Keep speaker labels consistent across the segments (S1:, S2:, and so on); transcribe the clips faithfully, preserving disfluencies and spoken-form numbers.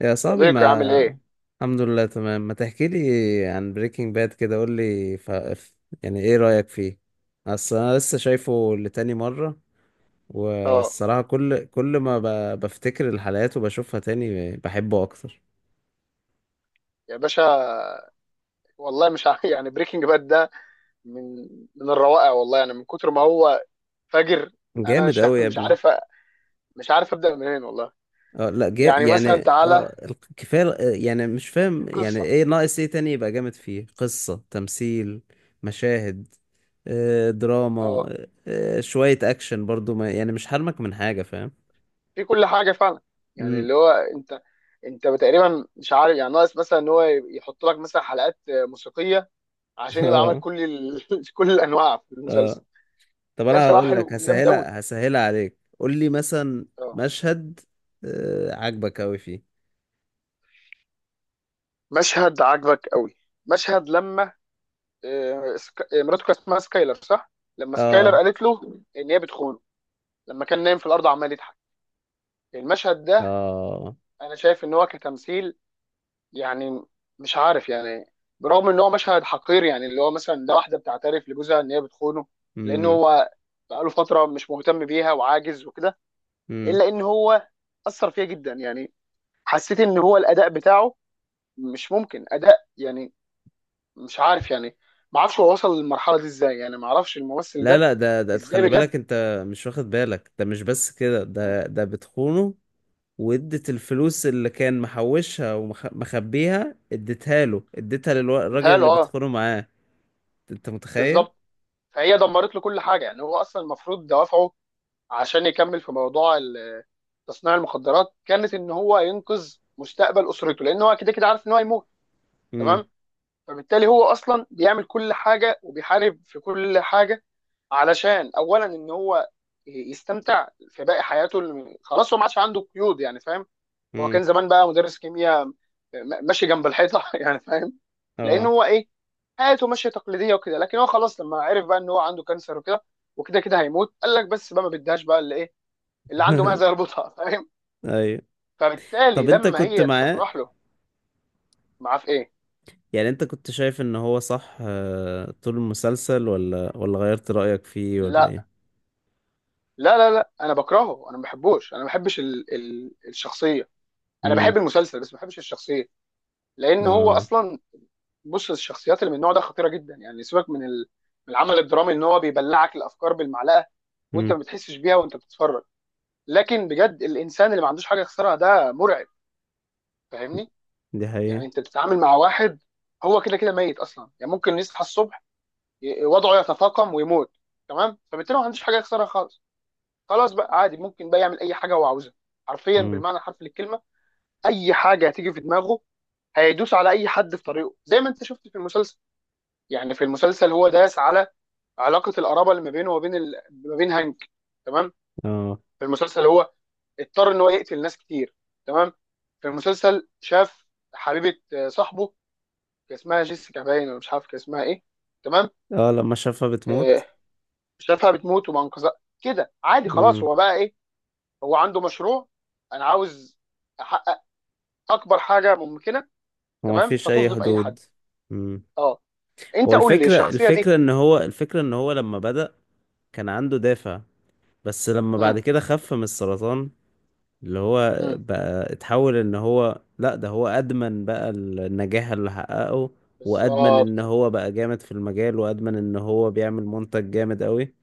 S1: يا صاحبي.
S2: صديقي، عامل ايه؟
S1: ما الحمد لله، تمام. ما تحكي لي عن بريكنج باد كده، قول لي ف... ف- يعني، ايه رأيك فيه؟ اصل انا لسه شايفه لتاني مرة،
S2: اه،
S1: والصراحة كل كل ما ب... بفتكر الحلقات وبشوفها تاني بحبه اكتر.
S2: يا باشا، والله مش ع- يعني بريكنج باد ده من من الروائع، والله. يعني من كتر ما هو فجر، انا
S1: جامد
S2: مش ع-
S1: قوي يا
S2: مش
S1: ابني.
S2: عارف أ- مش عارف ابدا منين والله.
S1: اه، لا، جا...
S2: يعني
S1: يعني.
S2: مثلا، تعالى.
S1: اه الق- كفاية، اه، يعني مش فاهم، يعني
S2: القصه.
S1: ايه ناقص، ايه تاني يبقى جامد فيه؟ قصة، تمثيل، مشاهد، اه، دراما،
S2: اه،
S1: اه، شوية اكشن برضو، ما يعني مش حرمك من حاجة، فاهم؟
S2: في كل حاجه فعلا. يعني
S1: امم.
S2: اللي هو انت انت تقريبا مش عارف، يعني ناقص مثلا ان هو يحط لك مثلا حلقات موسيقيه عشان يبقى عمل
S1: اه.
S2: كل ال... كل الانواع في المسلسل.
S1: اه. طب
S2: لا،
S1: انا
S2: بصراحه
S1: هقول لك،
S2: حلو، جامد قوي.
S1: هسهلها هسهلها عليك، قول لي مثلا
S2: اه.
S1: مشهد آه عاجبك قوي فيه.
S2: مشهد عجبك قوي، مشهد لما آه، سك- آه، مراته كان اسمها سكايلر، صح؟ لما سكايلر
S1: اه.
S2: قالت له ان هي بتخونه، لما كان نايم في الارض عمال يضحك. المشهد ده
S1: اه.
S2: انا شايف ان هو كتمثيل، يعني مش عارف. يعني برغم ان هو مشهد حقير، يعني اللي هو مثلا ده واحده بتعترف لجوزها ان هي بتخونه لان
S1: امم.
S2: هو بقاله فتره مش مهتم بيها وعاجز وكده،
S1: امم.
S2: الا ان هو اثر فيها جدا. يعني حسيت ان هو الاداء بتاعه مش ممكن اداء، يعني مش عارف. يعني ما اعرفش هو وصل للمرحله دي ازاي، يعني ما اعرفش الممثل
S1: لا،
S2: ده
S1: لا، ده ده
S2: ازاي،
S1: خلي
S2: بجد.
S1: بالك، انت مش واخد بالك، ده مش بس كده، ده ده بتخونه، وادت الفلوس اللي كان محوشها ومخبيها، اديتها له، اديتها للراجل
S2: بتهيأله،
S1: اللي
S2: اه.
S1: بتخونه معاه، انت متخيل؟
S2: بالظبط، فهي دمرت له كل حاجه. يعني هو اصلا المفروض دوافعه عشان يكمل في موضوع ال- تصنيع المخدرات كانت ان هو ينقذ مستقبل اسرته، لان هو كده كده عارف ان هو هيموت. تمام.
S1: امم.
S2: فبالتالي هو اصلا بيعمل كل حاجه وبيحارب في كل حاجه، علشان اولا ان هو يستمتع في باقي حياته اللي- خلاص، هو ما عادش عنده قيود، يعني فاهم. هو كان
S1: امم.
S2: زمان بقى مدرس كيمياء، م- ماشي جنب الحيطه، يعني فاهم. لان
S1: اه.
S2: هو ايه، حياته ماشيه تقليديه وكده. لكن هو خلاص لما عرف بقى ان هو عنده كانسر وكده، وكده كده هيموت، قال لك بس بقى، ما بديهاش بقى اللي ايه، اللي عنده معزه يربطها. فاهم.
S1: ايوه.
S2: فبالتالي
S1: طب انت
S2: لما
S1: كنت
S2: هي
S1: معاه؟
S2: تصرح له معاه في ايه.
S1: يعني انت كنت شايف ان هو صح، آه، طول المسلسل؟ ولا ولا غيرت رأيك فيه، ولا
S2: لا،
S1: ايه؟
S2: لا، لا، لا، انا بكرهه، انا ما بحبوش، انا ما بحبش ال ال الشخصيه. انا
S1: امم.
S2: بحب المسلسل بس ما بحبش الشخصيه، لان هو
S1: اه.
S2: اصلا، بص، الشخصيات اللي من النوع ده خطيره جدا. يعني سيبك من ال- من العمل الدرامي، ان هو بيبلعك الافكار بالمعلقه وانت ما
S1: امم.
S2: بتحسش بيها وانت بتتفرج، لكن بجد الانسان اللي ما عندوش حاجه يخسرها ده مرعب، فاهمني؟
S1: دي حقيقة.
S2: يعني انت بتتعامل مع واحد هو كده كده ميت اصلا. يعني ممكن يصحى الصبح ي- وضعه يتفاقم ويموت. تمام. فبالتالي ما عندوش حاجه يخسرها خالص، خلاص بقى عادي، ممكن بقى يعمل اي حاجه هو عاوزها، حرفيا
S1: امم.
S2: بالمعنى الحرفي للكلمه. اي حاجه هتيجي في دماغه، هيدوس على اي حد في طريقه زي ما انت شفت في المسلسل. يعني في المسلسل هو داس على علاقه القرابه اللي ما بينه وبين ال... ما بين هانك. تمام.
S1: اه.
S2: في المسلسل هو اضطر ان هو يقتل ناس كتير. تمام. في المسلسل شاف حبيبه، آه، صاحبه، كان اسمها جيسيكا باين، ولا مش عارف كان اسمها ايه. تمام.
S1: اه لما شافها بتموت.
S2: آه، شافها بتموت وما انقذها. كده عادي، خلاص
S1: امم.
S2: هو بقى ايه، هو عنده مشروع، انا عاوز احقق اكبر حاجه ممكنه.
S1: هو
S2: تمام.
S1: مفيش اي
S2: فتظلم اي
S1: حدود.
S2: حد.
S1: امم.
S2: اه،
S1: هو
S2: انت قول لي
S1: الفكرة
S2: الشخصيه دي.
S1: الفكرة ان هو، الفكرة ان هو لما بدأ كان عنده دافع، بس لما بعد
S2: مم.
S1: كده خف من السرطان، اللي هو
S2: مم.
S1: بقى اتحول، ان هو لا، ده هو ادمن بقى النجاح اللي حققه، وادمن
S2: بالظبط.
S1: ان هو بقى جامد في المجال، وادمن ان هو بيعمل منتج جامد قوي.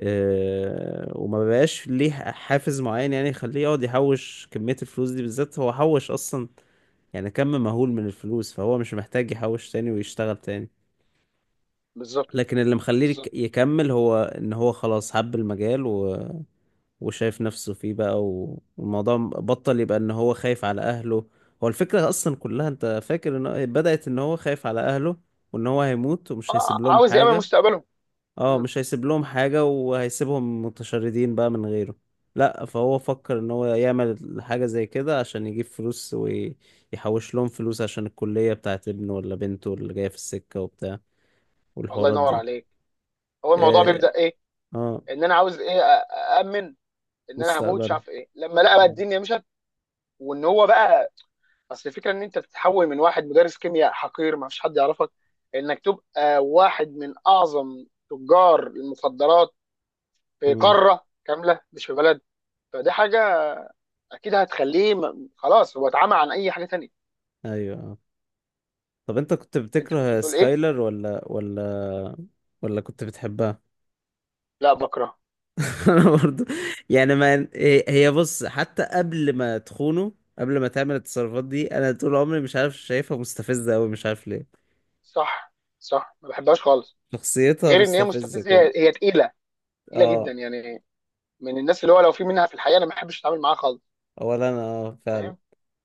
S1: اه، وما بقاش ليه حافز معين، يعني يخليه يقعد يحوش كمية الفلوس دي بالذات، هو حوش اصلا يعني كم مهول من الفلوس، فهو مش محتاج يحوش تاني ويشتغل تاني.
S2: بالظبط.
S1: لكن اللي مخليه يك-
S2: بالظبط.
S1: يكمل، هو ان هو خلاص حب المجال وشايف نفسه فيه بقى، و- والموضوع بطل يبقى ان هو خايف على اهله. هو الفكرة اصلا كلها، انت فاكر ان هو- بدأت ان هو خايف على اهله، وان هو هيموت ومش هيسيب
S2: آه،
S1: لهم
S2: عاوز يامن
S1: حاجة.
S2: مستقبله.
S1: اه،
S2: مم.
S1: مش هيسيب لهم حاجة، وهيسيبهم متشردين بقى من غيره. لا، فهو فكر ان هو يعمل حاجة زي كده عشان يجيب فلوس ويحوش لهم فلوس، عشان الكلية بتاعت ابنه ولا بنته اللي جاية في السكة وبتاع،
S2: الله
S1: والحوارات
S2: ينور
S1: دي.
S2: عليك. هو الموضوع
S1: اه,
S2: بيبدا ايه،
S1: آه،
S2: ان انا عاوز ايه، اامن، ان انا هموت مش
S1: مستقبله.
S2: عارف ايه، لما لقى بقى
S1: مم.
S2: الدنيا مشت. وان هو بقى، اصل الفكره ان انت بتتحول من واحد مدرس كيمياء حقير ما فيش حد يعرفك، انك تبقى واحد من اعظم تجار المخدرات في
S1: مم.
S2: قاره كامله، مش في بلد. فدي حاجه اكيد هتخليه، م- خلاص، هو اتعمى عن اي حاجه تانية.
S1: ايوه. طب انت كنت
S2: انت كنت
S1: بتكره
S2: بتقول ايه؟
S1: سكايلر، ولا ولا ولا كنت بتحبها؟
S2: لا، بكره.
S1: انا برضو. يعني، ما هي هي بص، حتى قبل ما تخونه، قبل ما تعمل التصرفات دي، انا طول عمري مش عارف شايفها مستفزة قوي، مش عارف ليه.
S2: صح، صح، ما بحبهاش خالص.
S1: شخصيتها
S2: غير ان هي
S1: مستفزة
S2: مستفزه،
S1: كده،
S2: هي هي تقيله، تقيله جدا.
S1: اه.
S2: يعني من الناس اللي هو لو في منها في الحقيقه انا ما بحبش اتعامل معاها خالص،
S1: اولا انا، اه، فعلا،
S2: فاهم.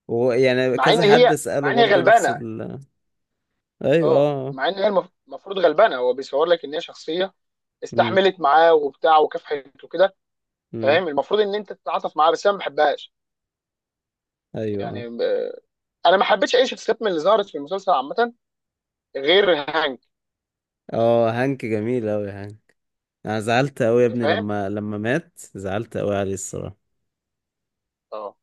S1: ويعني
S2: مع ان
S1: كذا حد
S2: هي
S1: اساله
S2: مع ان هي
S1: برضو نفس
S2: غلبانه،
S1: ال، ايوه،
S2: اه.
S1: اه.
S2: مع ان هي المف- المفروض غلبانه، هو بيصور لك ان هي شخصيه
S1: امم.
S2: استحملت معاه وبتاع وكافحت وكده.
S1: امم.
S2: فاهم؟ المفروض ان انت تتعاطف معاها بس انا ما بحبهاش.
S1: ايوه. اه.
S2: يعني آه، انا ما حبيتش اي شخصيات من اللي ظهرت في المسلسل عامه غير هانك.
S1: اه، هانك جميل اوي هانك. انا زعلت اوي يا ابني،
S2: فاهم.
S1: لما لما مات، زعلت اوي عليه الصراحة.
S2: اه.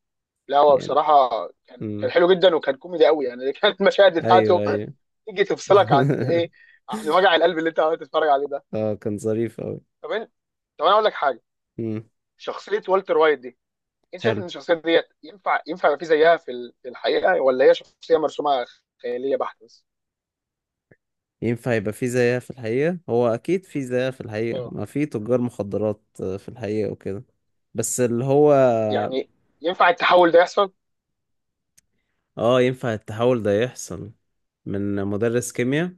S2: لا هو
S1: يعني،
S2: بصراحه كان كان
S1: امم.
S2: حلو جدا، وكان كوميدي قوي. يعني كانت المشاهد بتاعته
S1: ايوه، ايوه.
S2: تيجي تفصلك عن ايه، عن وجع القلب اللي انت قاعد تتفرج عليه ده.
S1: اه، كان ظريف اوي.
S2: طب انت طب انا اقول لك حاجه،
S1: امم.
S2: شخصيه والتر وايت دي، انت شايف
S1: حلو.
S2: ان الشخصيه ديت ينفع ينفع يبقى في زيها في ال- في الحقيقه، ولا هي شخصيه مرسومه خياليه بحت بس؟
S1: ينفع يبقى في زيها في الحقيقة؟ هو اكيد في زيها في الحقيقة،
S2: اه،
S1: ما في تجار مخدرات، آه، في الحقيقة وكده. بس اللي هو،
S2: يعني ينفع التحول ده يحصل.
S1: اه، ينفع التحول ده يحصل، من مدرس كيمياء،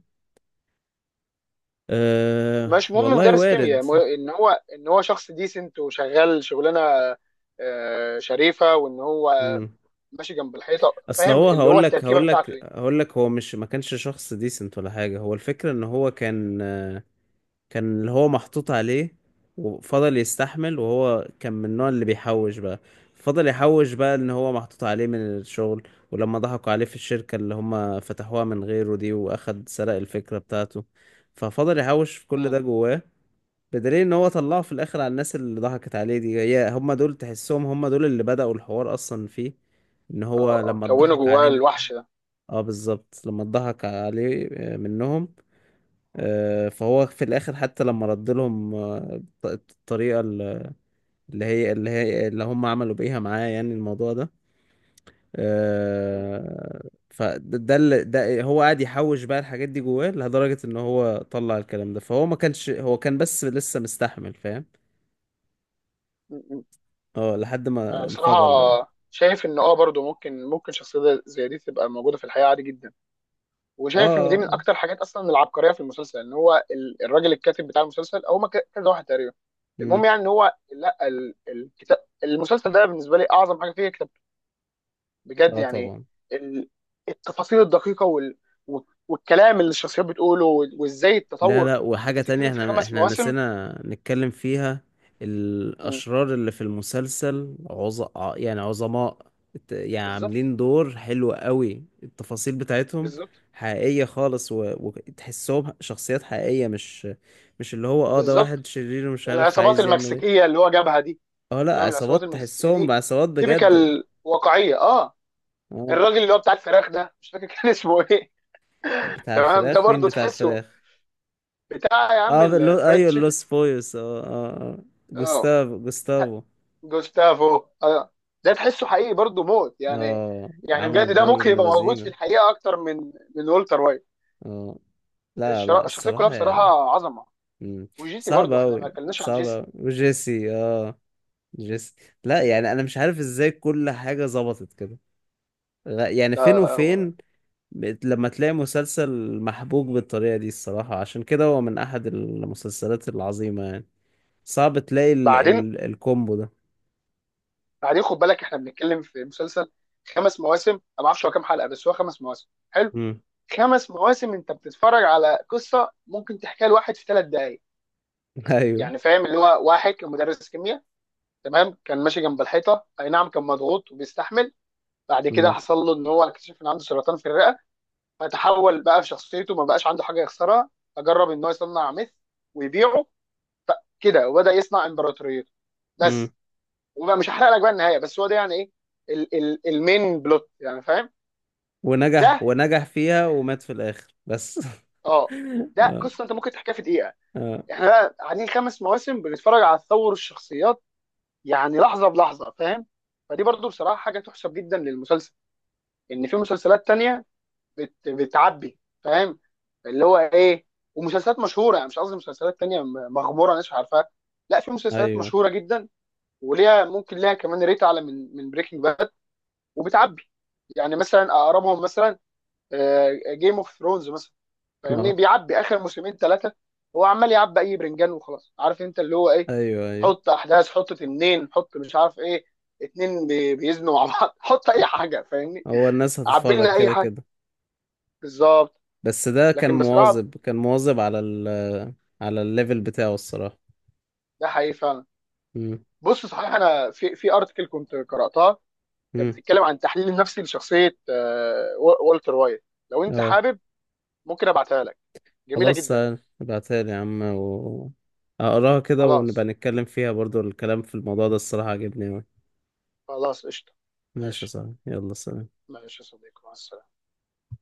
S1: أه
S2: مش مهم
S1: والله
S2: مدرس
S1: وارد.
S2: كيمياء، م- ان هو، ان هو شخص ديسنت وشغال شغلانه آه، شريفه، وان هو
S1: مم.
S2: ماشي جنب الحيطه،
S1: اصل
S2: فاهم،
S1: هو
S2: اللي هو
S1: هقول لك
S2: التركيبه
S1: هقول
S2: بتاعته
S1: لك
S2: دي.
S1: هقول لك هو مش، ما كانش شخص ديسنت ولا حاجة، هو الفكرة ان هو كان كان اللي هو محطوط عليه، وفضل يستحمل، وهو كان من النوع اللي بيحوش بقى، فضل يحوش بقى ان هو محطوط عليه من الشغل، ولما ضحكوا عليه في الشركة اللي هم فتحوها من غيره دي، واخد سرق الفكرة بتاعته، ففضل يحوش في كل ده
S2: مم.
S1: جواه. بدليل ان هو طلعه في الاخر على الناس اللي ضحكت عليه دي، هي هم دول، تحسهم هم دول اللي بدأوا الحوار اصلا فيه، ان
S2: اه،
S1: هو
S2: اه،
S1: لما
S2: كونه
S1: اتضحك
S2: جواه
S1: عليه من...
S2: الوحش ده.
S1: اه، بالظبط، لما اتضحك عليه، آه، منهم، آه، فهو في الاخر حتى لما رد لهم، آه، الط- الطريقه اللي هي اللي هي اللي هم عملوا بيها معاه، يعني الموضوع ده،
S2: مم.
S1: آه، فده ده اللي- ده هو قاعد يحوش بقى الحاجات دي جواه، لدرجه ان هو طلع الكلام ده، فهو ما كانش، هو كان بس لسه مستحمل، فاهم؟
S2: مم. مم.
S1: اه لحد
S2: انا
S1: ما
S2: بصراحه
S1: انفجر بقى.
S2: شايف ان اه برضو ممكن ممكن شخصيه زي دي تبقى موجوده في الحقيقه عادي جدا.
S1: اه.
S2: وشايف ان
S1: اه.
S2: دي من
S1: اه.
S2: اكتر حاجات اصلا العبقريه في المسلسل، ان هو ال- الراجل الكاتب بتاع المسلسل، او ما ك- كذا واحد تقريبا،
S1: مم.
S2: المهم. يعني ان هو لا، ال- الكتاب، المسلسل ده بالنسبه لي اعظم حاجه فيه كتاب، بجد.
S1: آه
S2: يعني
S1: طبعا.
S2: ال- التفاصيل الدقيقه وال، و- والكلام اللي الشخصيات بتقوله، و- وازاي
S1: لا
S2: التطور.
S1: لا،
S2: انت
S1: وحاجة تانية،
S2: بتتكلم في
S1: احنا
S2: خمس
S1: احنا
S2: مواسم.
S1: نسينا نتكلم فيها،
S2: مم.
S1: الأشرار اللي في المسلسل عظ... ع- يعني عظماء، الت- يعني
S2: بالظبط.
S1: عاملين دور حلو قوي، التفاصيل بتاعتهم
S2: بالظبط.
S1: حقيقية خالص، و... وتحسهم شخصيات حقيقية، مش مش اللي هو، اه ده واحد
S2: بالظبط.
S1: شرير ومش عارف
S2: العصابات
S1: عايز يعمل ايه.
S2: المكسيكيه اللي هو جابها دي،
S1: اه، لا،
S2: تمام، العصابات
S1: عصابات
S2: المكسيكيه
S1: تحسهم
S2: دي
S1: عصابات بجد.
S2: تيبيكال، واقعيه، اه.
S1: اه،
S2: الراجل اللي هو بتاع الفراخ ده مش فاكر كان اسمه ايه.
S1: بتاع
S2: تمام. ده
S1: الفراخ مين
S2: برضو
S1: بتاع
S2: تحسه،
S1: الفراخ؟
S2: بتاع يا عم
S1: اه، اللو...
S2: الفرايد
S1: ايوه
S2: تشيكن.
S1: اللوس بويوس. اه اه اه.
S2: اه.
S1: جوستافو، جوستافو.
S2: جوستافو، اه. ده تحسه حقيقي برضو موت، يعني.
S1: اه،
S2: يعني
S1: عمل
S2: بجد ده
S1: دور
S2: ممكن
S1: ابن
S2: يبقى موجود في
S1: لذينه.
S2: الحقيقه اكتر من من والتر وايت.
S1: اه، لا لا
S2: الشرا- الشخصيه كلها
S1: الصراحة
S2: بصراحه
S1: يا-
S2: عظمه.
S1: مم.
S2: وجيسي
S1: صعب
S2: برضو، احنا ما
S1: أوي
S2: اتكلمناش عن
S1: صعب
S2: جيسي.
S1: أوي، وجيسي، اه، جيسي. لا يعني أنا مش عارف ازاي كل حاجة ظبطت كده، غ- يعني
S2: ده
S1: فين وفين، بت- لما تلاقي مسلسل محبوك بالطريقة دي، الصراحة عشان كده هو من أحد المسلسلات العظيمة يعني، صعب تلاقي ال
S2: بعدين.
S1: ال الكومبو ده.
S2: بعدين خد بالك، احنا بنتكلم في مسلسل خمس مواسم. انا ما اعرفش هو كام حلقه، بس هو خمس مواسم، حلو.
S1: مم.
S2: خمس مواسم انت بتتفرج على قصه ممكن تحكيها لواحد في ثلاث دقائق.
S1: أيوه.
S2: يعني فاهم؟ اللي هو واحد كان مدرس كيمياء، تمام، كان ماشي جنب الحيطه، اي نعم كان مضغوط وبيستحمل. بعد كده
S1: مم.
S2: حصل له ان هو اكتشف ان عنده سرطان في الرئه، فتحول بقى في شخصيته، ما بقاش عنده حاجه يخسرها. فجرب ان هو يصنع ميث ويبيعه، كده وبدا يصنع امبراطوريته،
S1: مم.
S2: بس. وبقى مش هحرق لك بقى النهايه، بس هو ده، يعني ايه ال ال المين بلوت، يعني فاهم. ده
S1: ونجح، ونجح فيها، ومات في الآخر، بس.
S2: اه ده
S1: اه.
S2: قصه انت ممكن تحكيها في دقيقه.
S1: اه.
S2: احنا بقى قاعدين خمس مواسم بنتفرج على تطور الشخصيات، يعني لحظه بلحظه، فاهم. فدي برضو بصراحه حاجه تحسب جدا للمسلسل. ان في مسلسلات تانية بت... بتعبي، فاهم، اللي هو ايه. ومسلسلات مشهوره، يعني مش قصدي مسلسلات تانية م- مغموره ناس مش عارفاها، لا، في مسلسلات
S1: ايوه.
S2: مشهوره جدا وليها، ممكن ليها كمان ريت اعلى من من بريكنج باد، وبتعبي. يعني مثلا اقربهم مثلا جيم اوف ثرونز مثلا، فاهمني.
S1: اه.
S2: بيعبي اخر موسمين ثلاثه. هو عمال يعبي اي برنجان وخلاص، عارف انت اللي هو ايه،
S1: ايوه، ايوه،
S2: حط احداث، حط تنين، حط مش عارف ايه، اتنين بي- بيزنوا مع بعض، حط اي حاجه، فاهمني،
S1: هو الناس
S2: عبي
S1: هتتفرج
S2: لنا اي
S1: كده
S2: حاجه.
S1: كده.
S2: بالظبط.
S1: بس ده كان
S2: لكن بصراحه
S1: مواظب، كان مواظب على ال على الليفل بتاعه الصراحة.
S2: ده حقيقي فعلا.
S1: امم.
S2: بص، صحيح انا في في ارتكل كنت قراتها كانت
S1: امم.
S2: بتتكلم عن التحليل النفسي لشخصيه آه، و- والتر وايت. لو انت
S1: اه.
S2: حابب ممكن ابعتها لك، جميله
S1: خلاص،
S2: جدا.
S1: ابعتها لي يا عم، و هقراها كده، ونبقى
S2: خلاص.
S1: نتكلم فيها برضو، الكلام في الموضوع ده الصراحة عجبني أوي.
S2: خلاص قشطه.
S1: ماشي يا
S2: ماشي.
S1: صاحبي، يلا سلام.
S2: ماشي يا صديقي، مع السلامه.